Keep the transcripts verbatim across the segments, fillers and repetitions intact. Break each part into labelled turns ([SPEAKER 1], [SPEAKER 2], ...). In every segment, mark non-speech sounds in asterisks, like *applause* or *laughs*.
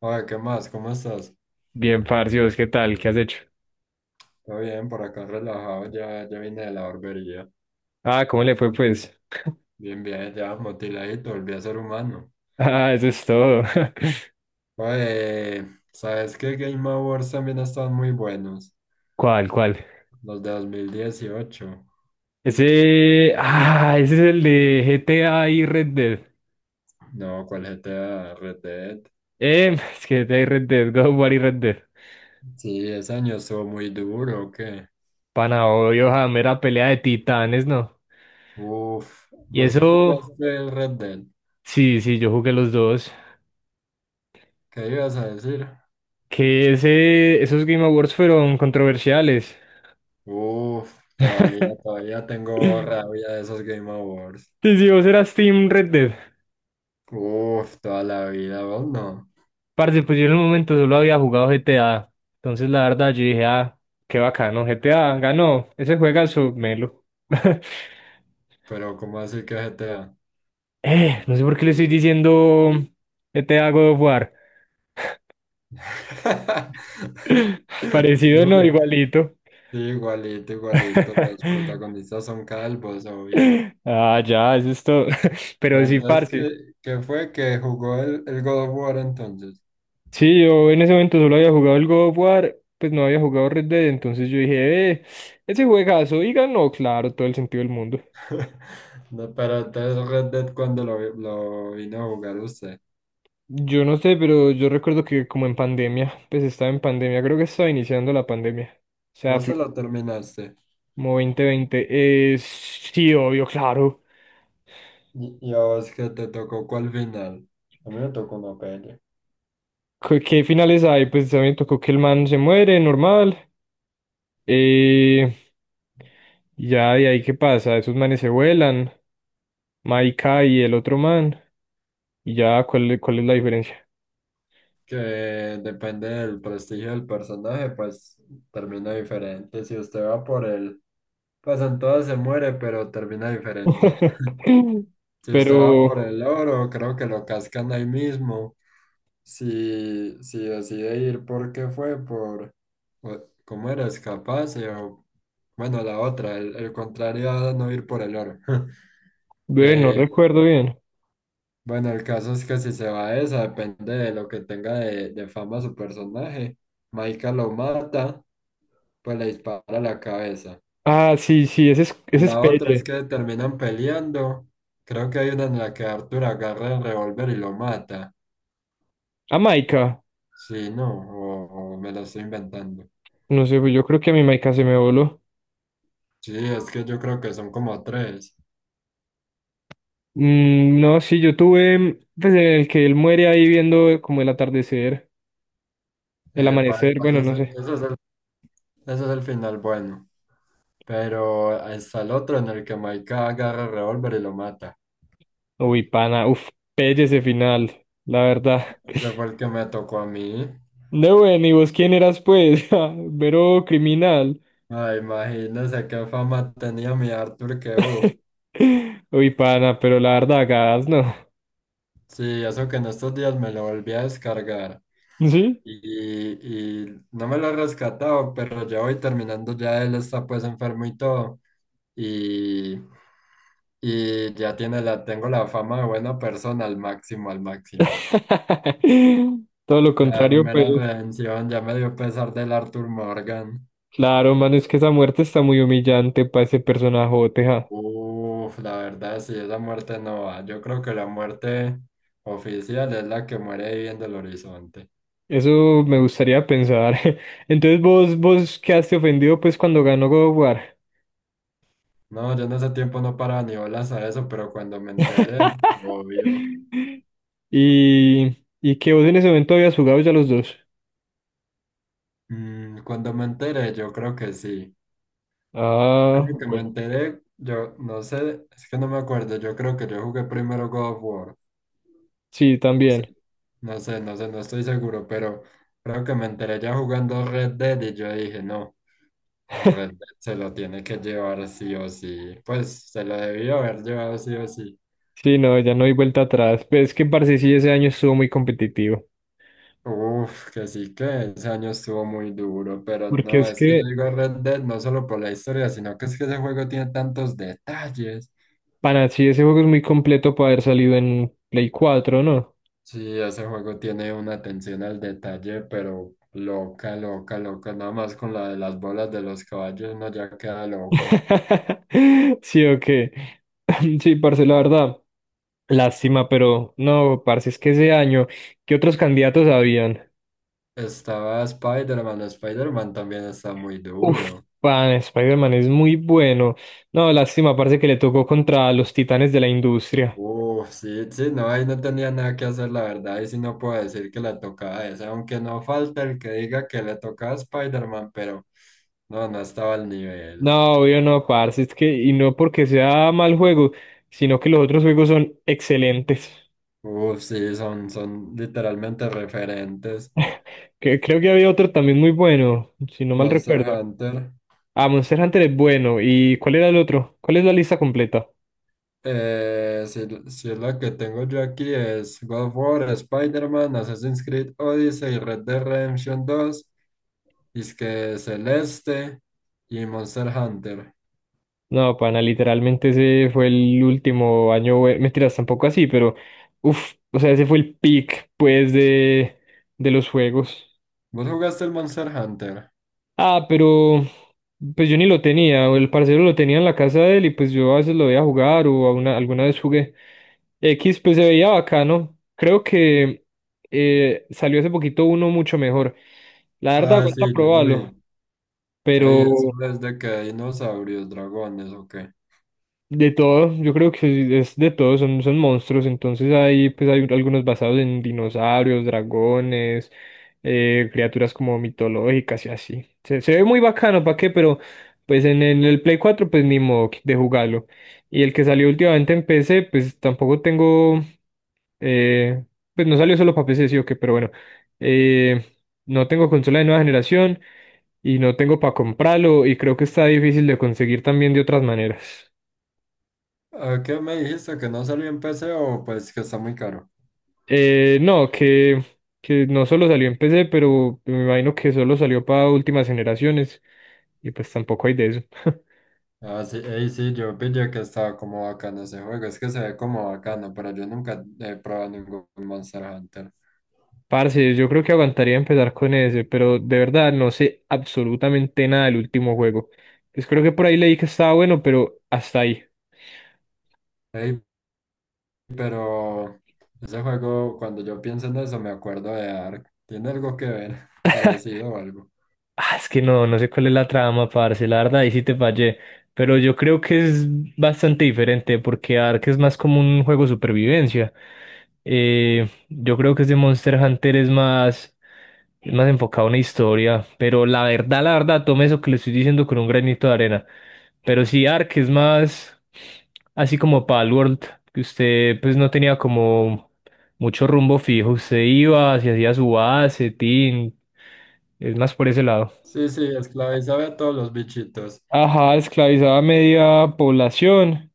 [SPEAKER 1] Oye, ¿qué más? ¿Cómo estás?
[SPEAKER 2] Bien, parcios, ¿qué tal? ¿Qué has hecho?
[SPEAKER 1] Todo bien, por acá relajado, ya, ya vine de la barbería.
[SPEAKER 2] Ah, ¿cómo le fue, pues? *laughs*
[SPEAKER 1] Bien, bien, ya motiladito, volví a ser humano.
[SPEAKER 2] Ah, eso es todo.
[SPEAKER 1] Oye, ¿sabes qué Game Awards también están muy buenos?
[SPEAKER 2] *laughs* ¿Cuál, cuál?
[SPEAKER 1] Los de dos mil dieciocho.
[SPEAKER 2] Ese. Ah, ese es el de G T A y Red Dead.
[SPEAKER 1] No, ¿cuál G T A? Red Dead.
[SPEAKER 2] Eh, *laughs* es que G T A y Red Dead, God of War y Red Dead.
[SPEAKER 1] Sí, ese año estuvo muy duro, ¿o qué?
[SPEAKER 2] Pana, obvio, ja, mera pelea de titanes, ¿no?
[SPEAKER 1] Uf,
[SPEAKER 2] Y
[SPEAKER 1] ¿vos
[SPEAKER 2] eso.
[SPEAKER 1] jugaste el Red Dead?
[SPEAKER 2] Sí, sí, yo jugué los dos.
[SPEAKER 1] ¿Qué ibas a decir?
[SPEAKER 2] Que ese. Esos Game Awards fueron controversiales.
[SPEAKER 1] Uf, todavía, todavía tengo
[SPEAKER 2] *laughs*
[SPEAKER 1] rabia de esos Game Awards.
[SPEAKER 2] Sí, sí, vos eras Team Red Dead.
[SPEAKER 1] Uf, toda la vida, vos no.
[SPEAKER 2] Parce, pues yo en el momento solo había jugado G T A. Entonces la verdad yo dije, ah, qué bacano, G T A ganó. Ese juegazo, melo. *laughs*
[SPEAKER 1] Pero ¿cómo así que G T A?
[SPEAKER 2] Eh, no sé por qué le estoy diciendo G T A God of War.
[SPEAKER 1] *laughs*
[SPEAKER 2] *laughs* Parecido, no,
[SPEAKER 1] Duro.
[SPEAKER 2] igualito.
[SPEAKER 1] Sí, igualito, igualito. Los
[SPEAKER 2] *laughs*
[SPEAKER 1] protagonistas son calvos, obvio.
[SPEAKER 2] Ah, ya, eso es todo. *laughs* Pero
[SPEAKER 1] Pero
[SPEAKER 2] sí,
[SPEAKER 1] entonces, ¿qué,
[SPEAKER 2] parce.
[SPEAKER 1] qué fue que jugó el, el God of War entonces?
[SPEAKER 2] Sí, yo en ese momento solo había jugado el God of War, pues no había jugado Red Dead, entonces yo dije, eh, ese juegazo, y ganó, claro, todo el sentido del mundo.
[SPEAKER 1] *laughs* No, pero entonces Red Dead cuando lo, vi- lo vino a jugar usted.
[SPEAKER 2] Yo no sé, pero yo recuerdo que como en pandemia, pues estaba en pandemia, creo que estaba iniciando la pandemia. O sea,
[SPEAKER 1] Vos
[SPEAKER 2] fue
[SPEAKER 1] se lo terminaste.
[SPEAKER 2] como dos mil veinte. Eh, sí, obvio, claro.
[SPEAKER 1] Y, y a vos qué te tocó cuál final. A mí me tocó una pelea.
[SPEAKER 2] ¿Qué qué finales hay? Pues también tocó que el man se muere, normal. Eh, y ya de ahí qué pasa, esos manes se vuelan, Maika y el otro man. Y ya, ¿cuál, cuál es la diferencia?
[SPEAKER 1] Que depende del prestigio del personaje, pues termina diferente. Si usted va por el... Pues en todas se muere, pero termina diferente.
[SPEAKER 2] *laughs*
[SPEAKER 1] Si usted va
[SPEAKER 2] Pero,
[SPEAKER 1] por el oro, creo que lo cascan ahí mismo. Si, si decide ir, ¿por qué fue? Por, o- ¿cómo era? Escaparse o, bueno, la otra, el, el contrario a no ir por el oro. *laughs*
[SPEAKER 2] bueno, no
[SPEAKER 1] Eh,
[SPEAKER 2] recuerdo bien.
[SPEAKER 1] bueno, el caso es que si se va a esa, depende de lo que tenga de, de fama su personaje. Maika lo mata, pues le dispara la cabeza.
[SPEAKER 2] Ah, sí, sí, ese es, ese
[SPEAKER 1] La
[SPEAKER 2] es
[SPEAKER 1] otra es
[SPEAKER 2] Pelle.
[SPEAKER 1] que terminan peleando. Creo que hay una en la que Arthur agarra el revólver y lo mata.
[SPEAKER 2] A Maika.
[SPEAKER 1] Sí, no, o, o me lo estoy inventando.
[SPEAKER 2] No sé, pues yo creo que a mi Maika se me voló.
[SPEAKER 1] Sí, es que yo creo que son como tres.
[SPEAKER 2] Mm, no, sí, yo tuve, pues en el que él muere ahí viendo eh, como el atardecer, el
[SPEAKER 1] Epa,
[SPEAKER 2] amanecer,
[SPEAKER 1] epa,
[SPEAKER 2] bueno,
[SPEAKER 1] ese
[SPEAKER 2] no
[SPEAKER 1] es,
[SPEAKER 2] sé.
[SPEAKER 1] ese es el, ese es el final bueno. Pero está el otro en el que Maika agarra el revólver y lo mata.
[SPEAKER 2] Uy, pana, uf, pelle ese final, la verdad.
[SPEAKER 1] Ese
[SPEAKER 2] *laughs*
[SPEAKER 1] fue el que me tocó a mí.
[SPEAKER 2] No, bueno, ¿y vos quién eras pues? *laughs* Ah, Vero criminal.
[SPEAKER 1] Ay, imagínese qué fama tenía mi Arthur que hubo.
[SPEAKER 2] *laughs* Uy, pana, pero la verdad, gas, no.
[SPEAKER 1] Sí, eso que en estos días me lo volví a descargar.
[SPEAKER 2] ¿Sí?
[SPEAKER 1] y, y no me lo he rescatado, pero ya voy terminando, ya él está pues enfermo y todo, y, y ya tiene la, tengo la fama de buena persona al máximo, al máximo.
[SPEAKER 2] *laughs* Todo lo
[SPEAKER 1] Claro,
[SPEAKER 2] contrario, pues.
[SPEAKER 1] mera redención, ya me dio pesar del Arthur Morgan.
[SPEAKER 2] Claro, mano, es que esa muerte está muy humillante para ese personaje.
[SPEAKER 1] Uf, la verdad, sí, esa muerte no va. Yo creo que la muerte oficial es la que muere ahí viendo el horizonte.
[SPEAKER 2] Eso me gustaría pensar. *laughs* Entonces vos, vos quedaste ofendido pues cuando ganó God of War.
[SPEAKER 1] No, yo en ese tiempo no paraba ni bolas a eso, pero cuando me enteré, obvio.
[SPEAKER 2] *laughs* Y, y que vos en ese momento habías jugado ya los dos.
[SPEAKER 1] Mm, cuando me enteré, yo creo que sí.
[SPEAKER 2] Ah,
[SPEAKER 1] Creo que me
[SPEAKER 2] bueno.
[SPEAKER 1] enteré, yo no sé, es que no me acuerdo, yo creo que yo jugué primero God of War.
[SPEAKER 2] Sí,
[SPEAKER 1] No sé,
[SPEAKER 2] también.
[SPEAKER 1] no sé, no sé, no estoy seguro, pero creo que me enteré ya jugando Red Dead y yo dije, no, el Red Dead se lo tiene que llevar sí o sí. Pues se lo debió haber llevado sí o sí.
[SPEAKER 2] Sí, no, ya no hay vuelta atrás. Pero es que parce sí ese año estuvo muy competitivo.
[SPEAKER 1] Uf, que sí, que ese año estuvo muy duro, pero
[SPEAKER 2] Porque
[SPEAKER 1] no,
[SPEAKER 2] es
[SPEAKER 1] es que yo
[SPEAKER 2] que,
[SPEAKER 1] digo Red Dead no solo por la historia, sino que es que ese juego tiene tantos detalles.
[SPEAKER 2] para sí, ese juego es muy completo para haber salido en Play cuatro, ¿no?
[SPEAKER 1] Sí, ese juego tiene una atención al detalle, pero loca, loca, loca. Nada más con la de las bolas de los caballos uno ya queda loco.
[SPEAKER 2] *laughs* Sí, ok. *laughs* Sí, parce, la verdad. Lástima, pero no, parce, es que ese año, ¿qué otros candidatos habían?
[SPEAKER 1] Estaba Spider-Man, Spider-Man también está muy
[SPEAKER 2] Uf,
[SPEAKER 1] duro.
[SPEAKER 2] pan, Spider-Man es muy bueno. No, lástima, parce, que le tocó contra los titanes de la industria.
[SPEAKER 1] Uf, sí, sí, no, ahí no tenía nada que hacer, la verdad, y sí no puedo decir que le tocaba esa, aunque no falta el que diga que le tocaba a Spider-Man, pero no, no estaba al nivel.
[SPEAKER 2] No, obvio no, parce, es que, y no porque sea mal juego, sino que los otros juegos son excelentes.
[SPEAKER 1] Uf, sí, son, son literalmente referentes.
[SPEAKER 2] Que, creo que había otro también muy bueno, si no mal
[SPEAKER 1] Monster
[SPEAKER 2] recuerdo.
[SPEAKER 1] Hunter.
[SPEAKER 2] Ah, Monster Hunter es bueno. ¿Y cuál era el otro? ¿Cuál es la lista completa?
[SPEAKER 1] Eh, si, si es la que tengo yo aquí es God of War, Spider-Man, Assassin's Creed Odyssey, Red Dead Redemption dos, es que Celeste y Monster Hunter.
[SPEAKER 2] No, pana, literalmente ese fue el último año, bue- mentiras, tampoco así, pero uff, o sea, ese fue el peak, pues, de, de, los juegos.
[SPEAKER 1] ¿Vos jugaste el Monster Hunter?
[SPEAKER 2] Ah, pero pues yo ni lo tenía, o el parcero lo tenía en la casa de él y pues yo a veces lo veía jugar o a una- alguna vez jugué. X, pues se veía bacano. Creo que eh, salió hace poquito uno mucho mejor. La verdad,
[SPEAKER 1] Ah, sí,
[SPEAKER 2] aguanta
[SPEAKER 1] yo lo
[SPEAKER 2] probarlo.
[SPEAKER 1] vi.
[SPEAKER 2] Mm.
[SPEAKER 1] Ey, eso
[SPEAKER 2] Pero
[SPEAKER 1] es de que hay dinosaurios, dragones o qué.
[SPEAKER 2] de todo, yo creo que es de todo, son, son, monstruos, entonces hay, pues hay algunos basados en dinosaurios, dragones, eh, criaturas como mitológicas y así. Se, se, ve muy bacano, ¿para qué? Pero pues en, en el Play cuatro pues ni modo de jugarlo. Y el que salió últimamente en P C pues tampoco tengo, eh, pues no salió solo para P C, sí o qué, pero bueno, eh, no tengo consola de nueva generación y no tengo para comprarlo y creo que está difícil de conseguir también de otras maneras.
[SPEAKER 1] Ah, ¿qué me dijiste? ¿Que no salió en P C o pues que está muy caro?
[SPEAKER 2] Eh, no, que, que no solo salió en P C, pero me imagino que solo salió para últimas generaciones y pues tampoco hay de eso. *laughs*
[SPEAKER 1] Ah, sí, ey, sí, yo pillé que estaba como bacano ese juego. Es que se ve como bacano, pero yo nunca he probado ningún Monster Hunter.
[SPEAKER 2] Parce, yo creo que aguantaría empezar con ese, pero de verdad no sé absolutamente nada del último juego. Pues creo que por ahí leí que estaba bueno, pero hasta ahí.
[SPEAKER 1] Ey, pero ese juego, cuando yo pienso en eso, me acuerdo de Ark. ¿Tiene algo que ver? *laughs* Parecido o algo.
[SPEAKER 2] Ah, es que no, no sé cuál es la trama, parce, la verdad, ahí sí te fallé. Pero yo creo que es bastante diferente porque Ark es más como un juego de supervivencia. Eh, yo creo que ese Monster Hunter es más. es más enfocado a una historia, pero la verdad, la verdad, tome eso que le estoy diciendo con un granito de arena. Pero sí, Ark es más así como Palworld, que usted pues no tenía como mucho rumbo fijo, usted iba, se hacía su base, tin, es más por ese lado.
[SPEAKER 1] Sí, sí, esclavizaba a todos los bichitos.
[SPEAKER 2] Ajá, esclavizaba a media población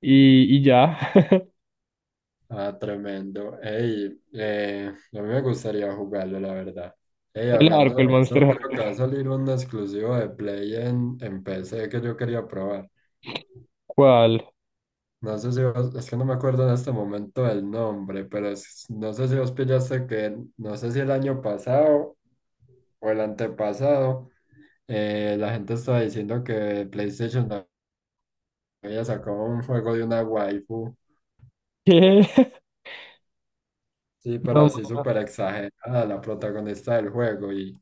[SPEAKER 2] y, y, ya. *laughs*
[SPEAKER 1] Ah, tremendo. Ey, eh, a mí me gustaría jugarlo, la verdad. Ey,
[SPEAKER 2] El
[SPEAKER 1] hablando
[SPEAKER 2] arco, el
[SPEAKER 1] de
[SPEAKER 2] Monster
[SPEAKER 1] eso, creo que va a
[SPEAKER 2] Hunter.
[SPEAKER 1] salir un exclusivo de Play en, en P C que yo quería probar.
[SPEAKER 2] ¿Cuál?
[SPEAKER 1] No sé si vos, es que no me acuerdo en este momento del nombre, pero es- no sé si vos pillaste que, no sé si el año pasado o el antepasado. Eh, la gente está diciendo que PlayStation no había sacado un juego de una waifu,
[SPEAKER 2] ¿Qué? *laughs*
[SPEAKER 1] sí, pero
[SPEAKER 2] No,
[SPEAKER 1] así
[SPEAKER 2] mano,
[SPEAKER 1] súper exagerada, la protagonista del juego, y,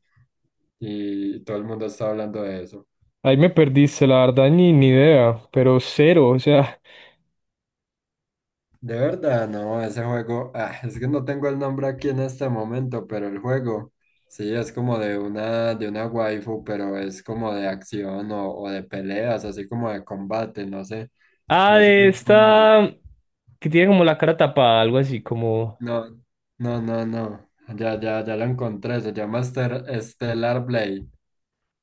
[SPEAKER 1] y todo el mundo está hablando de eso.
[SPEAKER 2] ahí me perdiste, la verdad, ni, ni idea, pero cero, o sea.
[SPEAKER 1] De verdad, no, ese juego, ah, es que no tengo el nombre aquí en este momento, pero el juego, sí, es como de una, de una waifu, pero es como de acción o, o de peleas, así como de combate, no sé,
[SPEAKER 2] Ah,
[SPEAKER 1] no sé
[SPEAKER 2] de
[SPEAKER 1] cómo se...
[SPEAKER 2] esta que tiene como la cara tapada, algo así como.
[SPEAKER 1] No, no, no, no. Ya, ya, ya la encontré. Se llama Ester- Stellar Blade.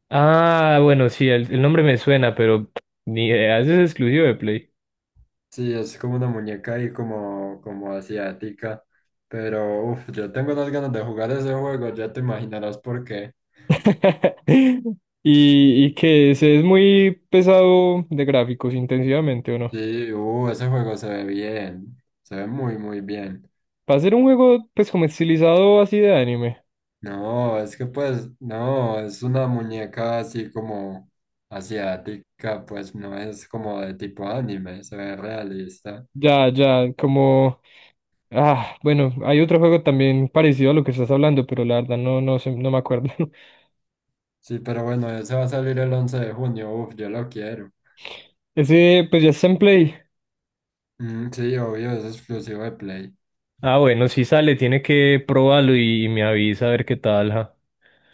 [SPEAKER 2] Ah, bueno, sí, el, el nombre me suena, pero ni idea, ese es exclusivo de Play.
[SPEAKER 1] Sí, es como una muñeca ahí como, como asiática. Pero, uff, yo tengo unas ganas de jugar ese juego. Ya te imaginarás por qué.
[SPEAKER 2] *laughs* Y, y que ese es muy pesado de gráficos, intensivamente, ¿o no?
[SPEAKER 1] Sí, uh, ese juego se ve bien. Se ve muy, muy bien.
[SPEAKER 2] Para ser un juego, pues como estilizado así de anime.
[SPEAKER 1] No, es que pues, no, es una muñeca así como asiática. Pues no es como de tipo anime. Se ve realista.
[SPEAKER 2] Ya, ya, como. Ah, bueno, hay otro juego también parecido a lo que estás hablando, pero la verdad no, no, sé- no me acuerdo. *laughs*
[SPEAKER 1] Sí, pero bueno, ese va a salir el once de junio. Uf, yo lo quiero.
[SPEAKER 2] Ese, pues ya está en Play.
[SPEAKER 1] Mm, sí, obvio, es exclusivo de Play.
[SPEAKER 2] Ah, bueno, si sale, tiene que probarlo y, y, me avisa a ver qué tal, ja.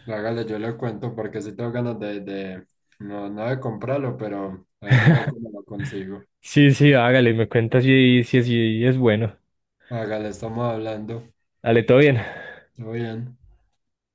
[SPEAKER 1] Hágale, yo le cuento porque sí tengo ganas de, de- no, no de comprarlo, pero ahí miro cómo lo consigo.
[SPEAKER 2] Sí, sí, hágale, me cuentas si, si, si, es bueno.
[SPEAKER 1] Hágale, estamos hablando.
[SPEAKER 2] Dale, todo bien.
[SPEAKER 1] Todo bien.